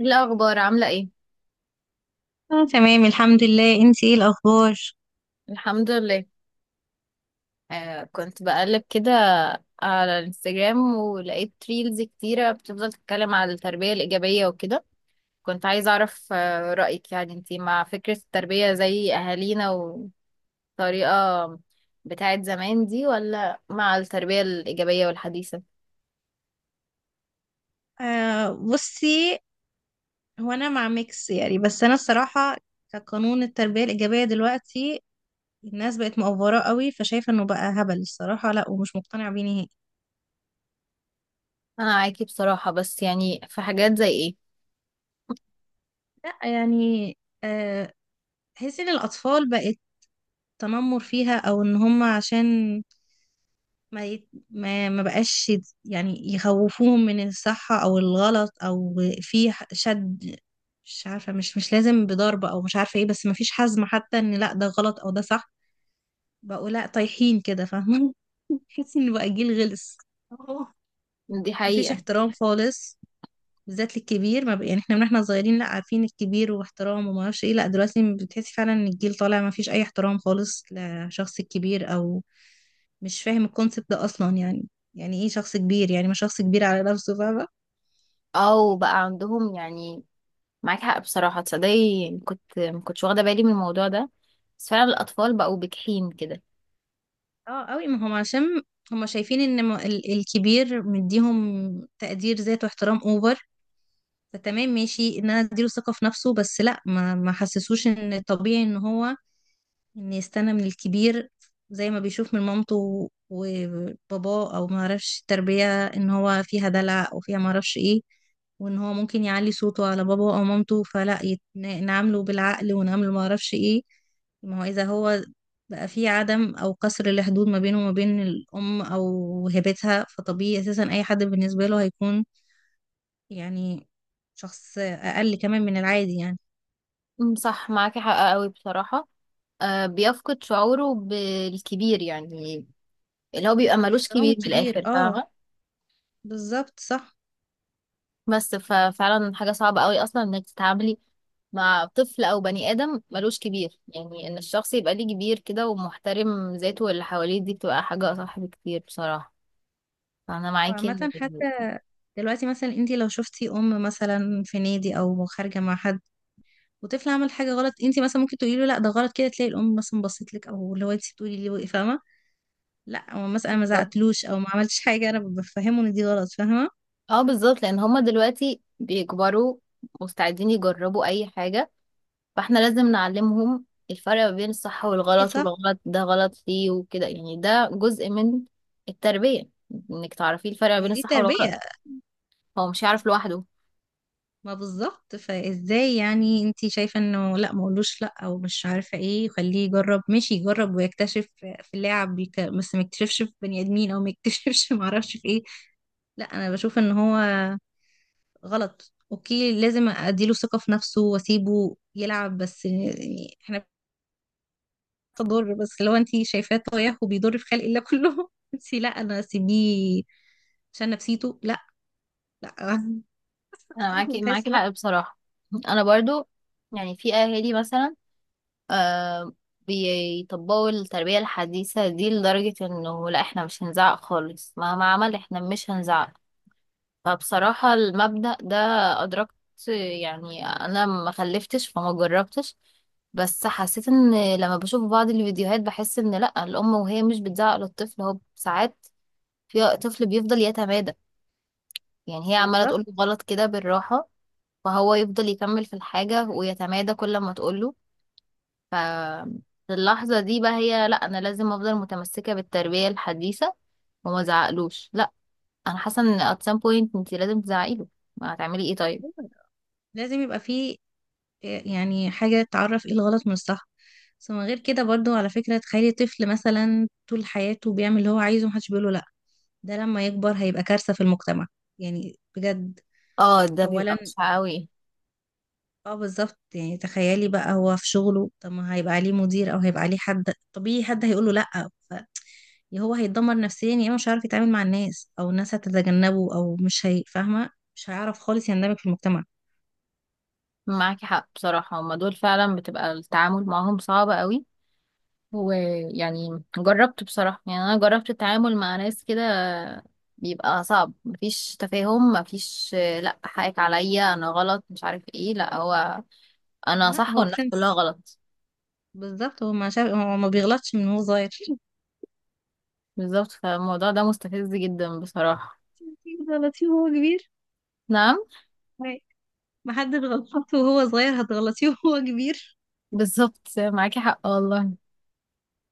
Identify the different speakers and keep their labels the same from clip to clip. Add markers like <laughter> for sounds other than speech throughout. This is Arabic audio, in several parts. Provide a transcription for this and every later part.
Speaker 1: إيه الأخبار عاملة ايه؟
Speaker 2: اه، تمام الحمد لله. انتي ايه الاخبار؟
Speaker 1: الحمد لله. كنت بقلب كده على الانستجرام، ولقيت ريلز كتيرة بتفضل تتكلم على التربية الإيجابية وكده. كنت عايزة أعرف رأيك، يعني انتي مع فكرة التربية زي أهالينا والطريقة بتاعت زمان دي، ولا مع التربية الإيجابية والحديثة؟
Speaker 2: آه، بصي، هو انا مع ميكس يعني. بس انا الصراحه كقانون التربيه الايجابيه دلوقتي، الناس بقت مقفره قوي، فشايفه انه بقى هبل الصراحه. لا، ومش مقتنعه بيه نهائي.
Speaker 1: أنا معاكي بصراحة، بس يعني في حاجات زي ايه؟
Speaker 2: لا يعني، آه تحسي ان الاطفال بقت تنمر فيها، او ان هم عشان ما يت... ما ما بقاش يت- يعني يخوفوهم من الصح او الغلط، او في شد، مش عارفه، مش لازم بضرب او مش عارفه ايه. بس ما فيش حزم حتى ان لا ده غلط او ده صح. بقوا لا طايحين كده، فاهمه. <laughs> تحسي ان بقى جيل غلس. اه.
Speaker 1: دي
Speaker 2: مفيش
Speaker 1: حقيقة.
Speaker 2: احترام خالص، بالذات للكبير. ما بق... يعني احنا من احنا صغيرين لا، عارفين الكبير واحترام وما اعرفش ايه. لا دلوقتي بتحسي فعلا ان الجيل طالع ما فيش اي احترام خالص لشخص الكبير، او مش فاهم الكونسبت ده اصلا. يعني يعني ايه شخص كبير؟ يعني ما شخص كبير على نفسه، فاهمه.
Speaker 1: أو بقى عندهم يعني معاك حق بصراحة، تصدقي كنت ما كنتش واخدة بالي من الموضوع ده، بس فعلا الأطفال بقوا بجحين كده.
Speaker 2: اه قوي، ما هم عشان هم شايفين ان الكبير مديهم تقدير ذات واحترام اوفر. فتمام ماشي ان انا اديله ثقه في نفسه، بس لا، ما حسسوش ان الطبيعي ان هو، ان يستنى من الكبير زي ما بيشوف من مامته وباباه. او ما اعرفش التربية ان هو فيها دلع او فيها ما اعرفش ايه، وان هو ممكن يعلي صوته على باباه او مامته فلا نعامله بالعقل ونعامله ما اعرفش ايه. ما هو اذا هو بقى في عدم، او كسر الحدود ما بينه وما بين الام او هبتها، فطبيعي اساسا اي حد بالنسبة له هيكون يعني شخص اقل كمان من العادي، يعني.
Speaker 1: صح، معاكي حق قوي بصراحة. آه، بيفقد شعوره بالكبير يعني، اللي هو بيبقى ملوش
Speaker 2: باحترام
Speaker 1: كبير من
Speaker 2: الكبير،
Speaker 1: الآخر،
Speaker 2: اه
Speaker 1: فاهمة.
Speaker 2: بالظبط صح.
Speaker 1: بس ففعلا حاجة صعبة قوي أصلا إنك تتعاملي مع طفل أو بني آدم ملوش كبير، يعني إن الشخص يبقى ليه كبير كده ومحترم ذاته واللي حواليه، دي بتبقى حاجة أصح بكتير بصراحة، فأنا
Speaker 2: عامة
Speaker 1: معاكي.
Speaker 2: دلوقتي مثلا انت لو شفتي ام مثلا في نادي او خارجه مع حد وطفل عمل حاجه غلط، انت مثلا ممكن تقولي له لا ده غلط كده، تلاقي الام مثلا بصيت لك، او اللي هو انت بتقولي لي وقف، فاهمه. لا هو مثلا، أنا ما
Speaker 1: إن-
Speaker 2: زعقتلوش او ما عملتش حاجه، انا بفهمه ان دي غلط، فاهمه.
Speaker 1: اه بالظبط، لان هما دلوقتي بيكبروا مستعدين يجربوا اي حاجة، فاحنا لازم نعلمهم الفرق ما بين
Speaker 2: ما
Speaker 1: الصح
Speaker 2: طبيعي،
Speaker 1: والغلط،
Speaker 2: صح.
Speaker 1: والغلط ده غلط ليه وكده، يعني ده جزء من التربية، انك تعرفي الفرق ما
Speaker 2: ما
Speaker 1: بين
Speaker 2: هي دي
Speaker 1: الصح والغلط،
Speaker 2: تربيه.
Speaker 1: هو مش هيعرف لوحده.
Speaker 2: ما بالظبط. فازاي يعني انت شايفه انه لا، ما اقولوش لا او مش عارفه ايه، خليه يجرب، ماشي يجرب ويكتشف في اللاعب بس ما يكتشفش في بني ادمين، او ما يكتشفش <laughs> ما اعرفش في ايه. لا، انا بشوف ان هو غلط، اوكي لازم اديله ثقة في نفسه واسيبه يلعب، بس يعني احنا بنضر. بس لو انت شايفاه طايح وبيضر في خلق الله كله، <laughs> انت لا، انا اسيبيه عشان نفسيته؟ لا، لا. <laughs>
Speaker 1: انا معاكي،
Speaker 2: بحس لا.
Speaker 1: حق بصراحة. انا برضو يعني في اهالي مثلا آه بيطبقوا التربية الحديثة دي لدرجة انه لا احنا مش هنزعق خالص مهما عمل احنا مش هنزعق. فبصراحة المبدأ ده أدركت، يعني أنا ما خلفتش فما جربتش، بس حسيت إن لما بشوف بعض الفيديوهات بحس إن لأ، الأم وهي مش بتزعق للطفل، هو ساعات في طفل بيفضل يتمادى، يعني هي عمالة تقوله
Speaker 2: بالظبط.
Speaker 1: غلط كده بالراحة، فهو يفضل يكمل في الحاجة ويتمادى كل ما تقوله. ف في اللحظة دي بقى هي لأ أنا لازم أفضل متمسكة بالتربية الحديثة وما زعقلوش، لأ. أنا حاسة إن at some point أنت لازم تزعقيله، ما هتعملي إيه طيب.
Speaker 2: لازم يبقى فيه يعني حاجة تعرف ايه الغلط من الصح. بس من غير كده برضو، على فكرة تخيلي طفل مثلا طول حياته بيعمل اللي هو عايزه ومحدش بيقوله لا، ده لما يكبر هيبقى كارثة في المجتمع، يعني بجد.
Speaker 1: اه، ده بيبقى
Speaker 2: أولا.
Speaker 1: بشع قوي.
Speaker 2: اه بالظبط. يعني تخيلي بقى هو في شغله، طب ما هيبقى عليه مدير، او هيبقى عليه حد طبيعي حد هيقول له لا. ف، يا هو هيتدمر نفسيا، يا اما مش هيعرف يتعامل مع الناس، او الناس هتتجنبه او مش هي، فاهمه. مش هيعرف خالص يندمج في المجتمع.
Speaker 1: معاكي حق بصراحة، هما دول فعلا بتبقى التعامل معاهم صعب قوي، ويعني جربت بصراحة، يعني أنا جربت التعامل مع ناس كده، بيبقى صعب، مفيش تفاهم، مفيش لأ حقك عليا أنا غلط مش عارف ايه، لأ هو أنا
Speaker 2: لا
Speaker 1: صح
Speaker 2: هو
Speaker 1: والناس كلها
Speaker 2: برنس،
Speaker 1: غلط.
Speaker 2: بالظبط. هو ما شاف، هو ما بيغلطش من هو صغير. <laughs>
Speaker 1: بالظبط، فالموضوع ده مستفز جدا بصراحة.
Speaker 2: انتي بتغلطيه وهو كبير.
Speaker 1: نعم.
Speaker 2: ما حد بيغلط وهو صغير، هتغلطيه وهو كبير.
Speaker 1: بالظبط معاكي حق والله.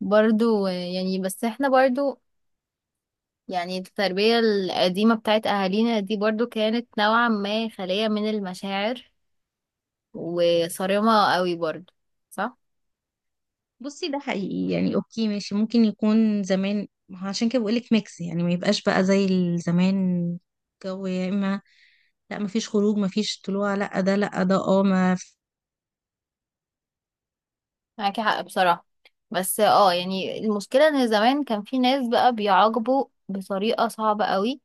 Speaker 1: برضو يعني بس احنا برضو يعني التربية القديمة بتاعت أهالينا دي برضو كانت نوعا ما خالية من المشاعر، وصارمة قوي برضو، صح؟
Speaker 2: بصي، ده حقيقي يعني، اوكي ماشي ممكن يكون زمان. ما هو عشان كده بقولك ميكس يعني، ما يبقاش بقى زي زمان. جو يا اما، لا ما فيش خروج، ما فيش طلوع، لا ده، لا ده. اه ما في-
Speaker 1: معاكي حق بصراحة. بس اه يعني المشكلة ان زمان كان في ناس بقى بيعاقبوا بطريقة صعبة قوي.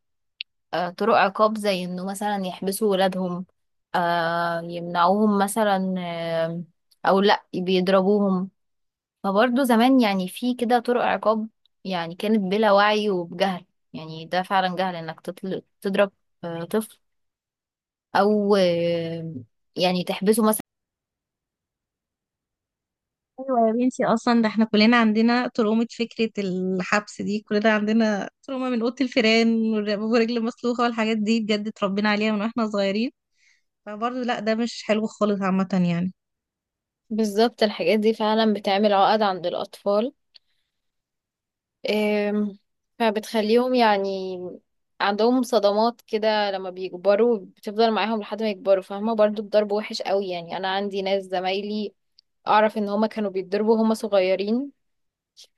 Speaker 1: طرق عقاب زي انه مثلا يحبسوا ولادهم، يمنعوهم مثلا، او لا بيضربوهم. فبرضه زمان يعني في كده طرق عقاب، يعني كانت بلا وعي وبجهل، يعني ده فعلا جهل انك تضرب طفل، او آه، يعني تحبسه مثلا.
Speaker 2: ايوه يا بنتي. اصلا ده احنا كلنا عندنا ترومة فكرة الحبس دي، كلنا عندنا ترومة من اوضة الفيران ورجل مسلوخة والحاجات دي، بجد اتربينا عليها من واحنا صغيرين. فبرضه لا، ده مش حلو خالص عامة يعني.
Speaker 1: بالظبط، الحاجات دي فعلا بتعمل عقد عند الأطفال. أم، فبتخليهم يعني عندهم صدمات كده، لما بيكبروا بتفضل معاهم لحد ما يكبروا، فاهمة. برضو الضرب وحش قوي، يعني أنا عندي ناس زمايلي أعرف إن هما كانوا بيتضربوا هما صغيرين،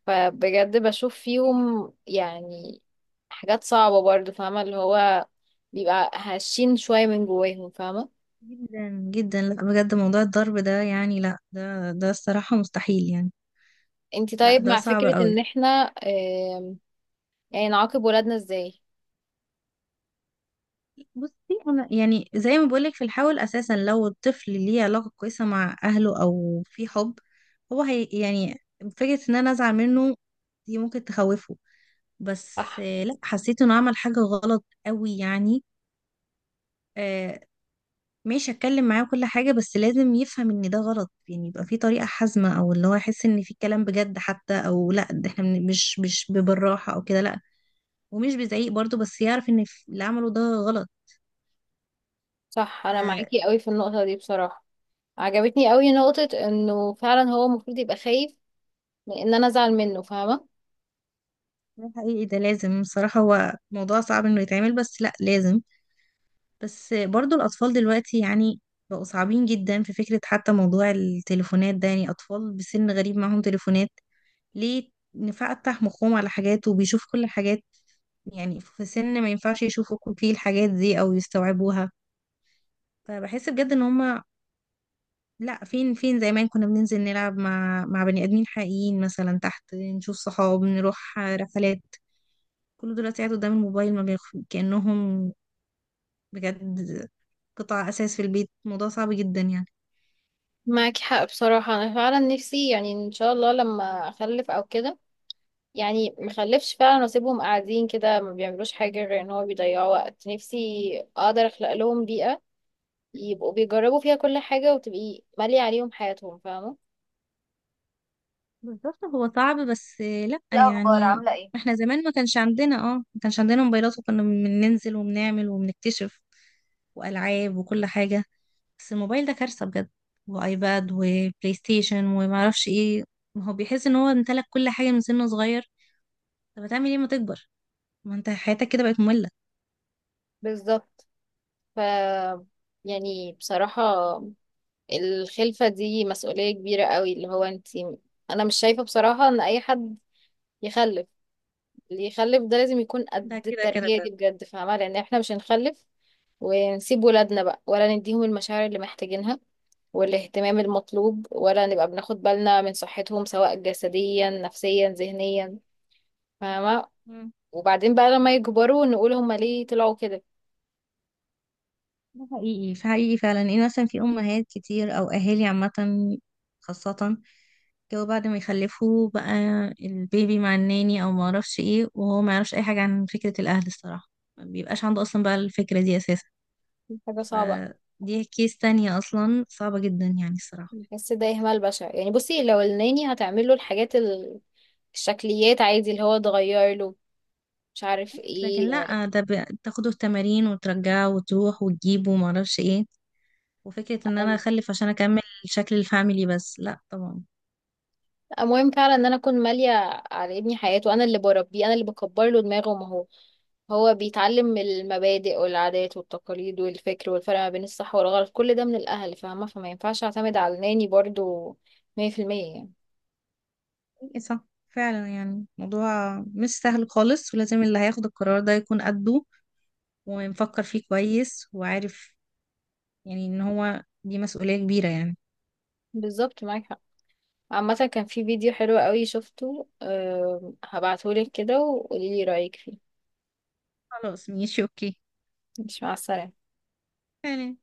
Speaker 1: فبجد بشوف فيهم يعني حاجات صعبة برضو، فاهمة، اللي هو بيبقى هشين شوية من جواهم، فاهمة.
Speaker 2: جدا جدا، لا بجد موضوع الضرب ده يعني، لا ده الصراحة مستحيل يعني.
Speaker 1: انتي
Speaker 2: لا
Speaker 1: طيب
Speaker 2: ده
Speaker 1: مع
Speaker 2: صعب
Speaker 1: فكرة ان
Speaker 2: قوي.
Speaker 1: احنا آم، يعني نعاقب ولادنا ازاي؟
Speaker 2: بصي، انا يعني زي ما بقولك في الحاول، اساسا لو الطفل ليه علاقة كويسة مع اهله او في حب، هو هي يعني فكرة ان انا ازعل منه دي ممكن تخوفه. بس
Speaker 1: صح.
Speaker 2: لا، حسيت انه عمل حاجة غلط قوي يعني. آه، ماشي اتكلم معاه كل حاجة، بس لازم يفهم ان ده غلط يعني. يبقى في طريقة حازمة، او اللي هو يحس ان في كلام بجد حتى، او لا ده احنا مش بالراحة او كده لا. ومش بزعيق برضه، بس يعرف ان اللي عمله ده غلط.
Speaker 1: صح، انا معاكي قوي في النقطة دي بصراحة. عجبتني قوي نقطة انه فعلا هو المفروض يبقى خايف من ان انا ازعل منه، فاهمة.
Speaker 2: ده حقيقي، ده لازم بصراحة. هو موضوع صعب انه يتعمل بس لا لازم. بس برضو الأطفال دلوقتي يعني بقوا صعبين جدا، في فكرة حتى موضوع التليفونات ده، يعني أطفال بسن غريب معاهم تليفونات. ليه نفتح مخهم على حاجات وبيشوف كل الحاجات، يعني في سن ما ينفعش يشوفوا فيه الحاجات دي أو يستوعبوها. فبحس بجد ان هما لا، فين فين زمان كنا بننزل نلعب مع بني آدمين حقيقيين مثلا تحت، نشوف صحاب، نروح رحلات. كله دلوقتي قاعد قدام الموبايل، ما بيخ... كأنهم بجد قطع أساس في البيت. موضوع صعب جدا يعني.
Speaker 1: معاكي حق بصراحة. انا فعلا نفسي يعني ان شاء الله لما اخلف او كده، يعني مخلفش فعلا واسيبهم قاعدين كده ما بيعملوش حاجة غير ان هو بيضيعوا وقت. نفسي اقدر اخلق لهم بيئة يبقوا بيجربوا فيها كل حاجة وتبقي مالية عليهم حياتهم، فاهمة.
Speaker 2: بالظبط، هو صعب بس لأ
Speaker 1: الأخبار
Speaker 2: يعني.
Speaker 1: عاملة ايه؟
Speaker 2: احنا زمان ما كانش عندنا موبايلات، وكنا بننزل وبنعمل وبنكتشف، وألعاب وكل حاجة. بس الموبايل ده كارثة بجد، وآيباد وبلاي ستيشن ومعرفش ايه. ما هو بيحس ان هو امتلك كل حاجة من سنه صغير، طب هتعمل ايه ما تكبر؟ ما انت حياتك كده بقت مملة.
Speaker 1: بالظبط. ف يعني بصراحة الخلفة دي مسؤولية كبيرة قوي، اللي هو انتي. انا مش شايفة بصراحة ان اي حد يخلف. اللي يخلف ده لازم يكون
Speaker 2: ده
Speaker 1: قد
Speaker 2: كده كده
Speaker 1: التربية
Speaker 2: ده.
Speaker 1: دي بجد، فاهمة، لان احنا مش هنخلف ونسيب ولادنا بقى، ولا نديهم المشاعر اللي محتاجينها والاهتمام المطلوب، ولا نبقى بناخد بالنا من صحتهم سواء جسديا نفسيا ذهنيا، فاهمة.
Speaker 2: مم.
Speaker 1: وبعدين بقى لما يكبروا نقول هما ليه طلعوا كده.
Speaker 2: ده حقيقي، في حقيقي فعلا ان مثلا في امهات كتير او اهالي عامة خاصة، جو بعد ما يخلفوه بقى البيبي مع الناني او ما اعرفش ايه، وهو ما يعرفش اي حاجه عن فكره الاهل الصراحه، ما بيبقاش عنده اصلا بقى الفكره دي اساسا.
Speaker 1: دي حاجة صعبة.
Speaker 2: فدي كيس تانية اصلا صعبه جدا يعني الصراحه.
Speaker 1: بحس ده إهمال بشع، يعني بصي لو الناني هتعمل له الحاجات الشكليات عادي، اللي هو تغير له مش عارف
Speaker 2: لكن
Speaker 1: ايه.
Speaker 2: لا، تاخده التمارين وترجعه وتروح وتجيبه وما اعرفش ايه، وفكره ان انا اخلف عشان اكمل شكل الفاميلي، بس لا طبعا.
Speaker 1: المهم فعلا ان انا اكون مالية على ابني حياته، انا اللي بربيه، انا اللي بكبر له دماغه، ما هو هو بيتعلم من المبادئ والعادات والتقاليد والفكر والفرق ما بين الصح والغلط كل ده من الأهل، فاهمة، فما ينفعش أعتمد على ناني برضو 100% يعني.
Speaker 2: ايه صح، فعلا يعني موضوع مش سهل خالص، ولازم اللي هياخد القرار ده يكون قده ومفكر فيه كويس وعارف. يعني ان هو دي مسؤولية كبيرة يعني.
Speaker 1: بالظبط معاك حق. عامة كان في فيديو حلو قوي شفته، أه هبعتهولك كده وقوليلي رأيك فيه.
Speaker 2: خلاص ماشي اوكي.
Speaker 1: مش، مع السلامة.
Speaker 2: تمام.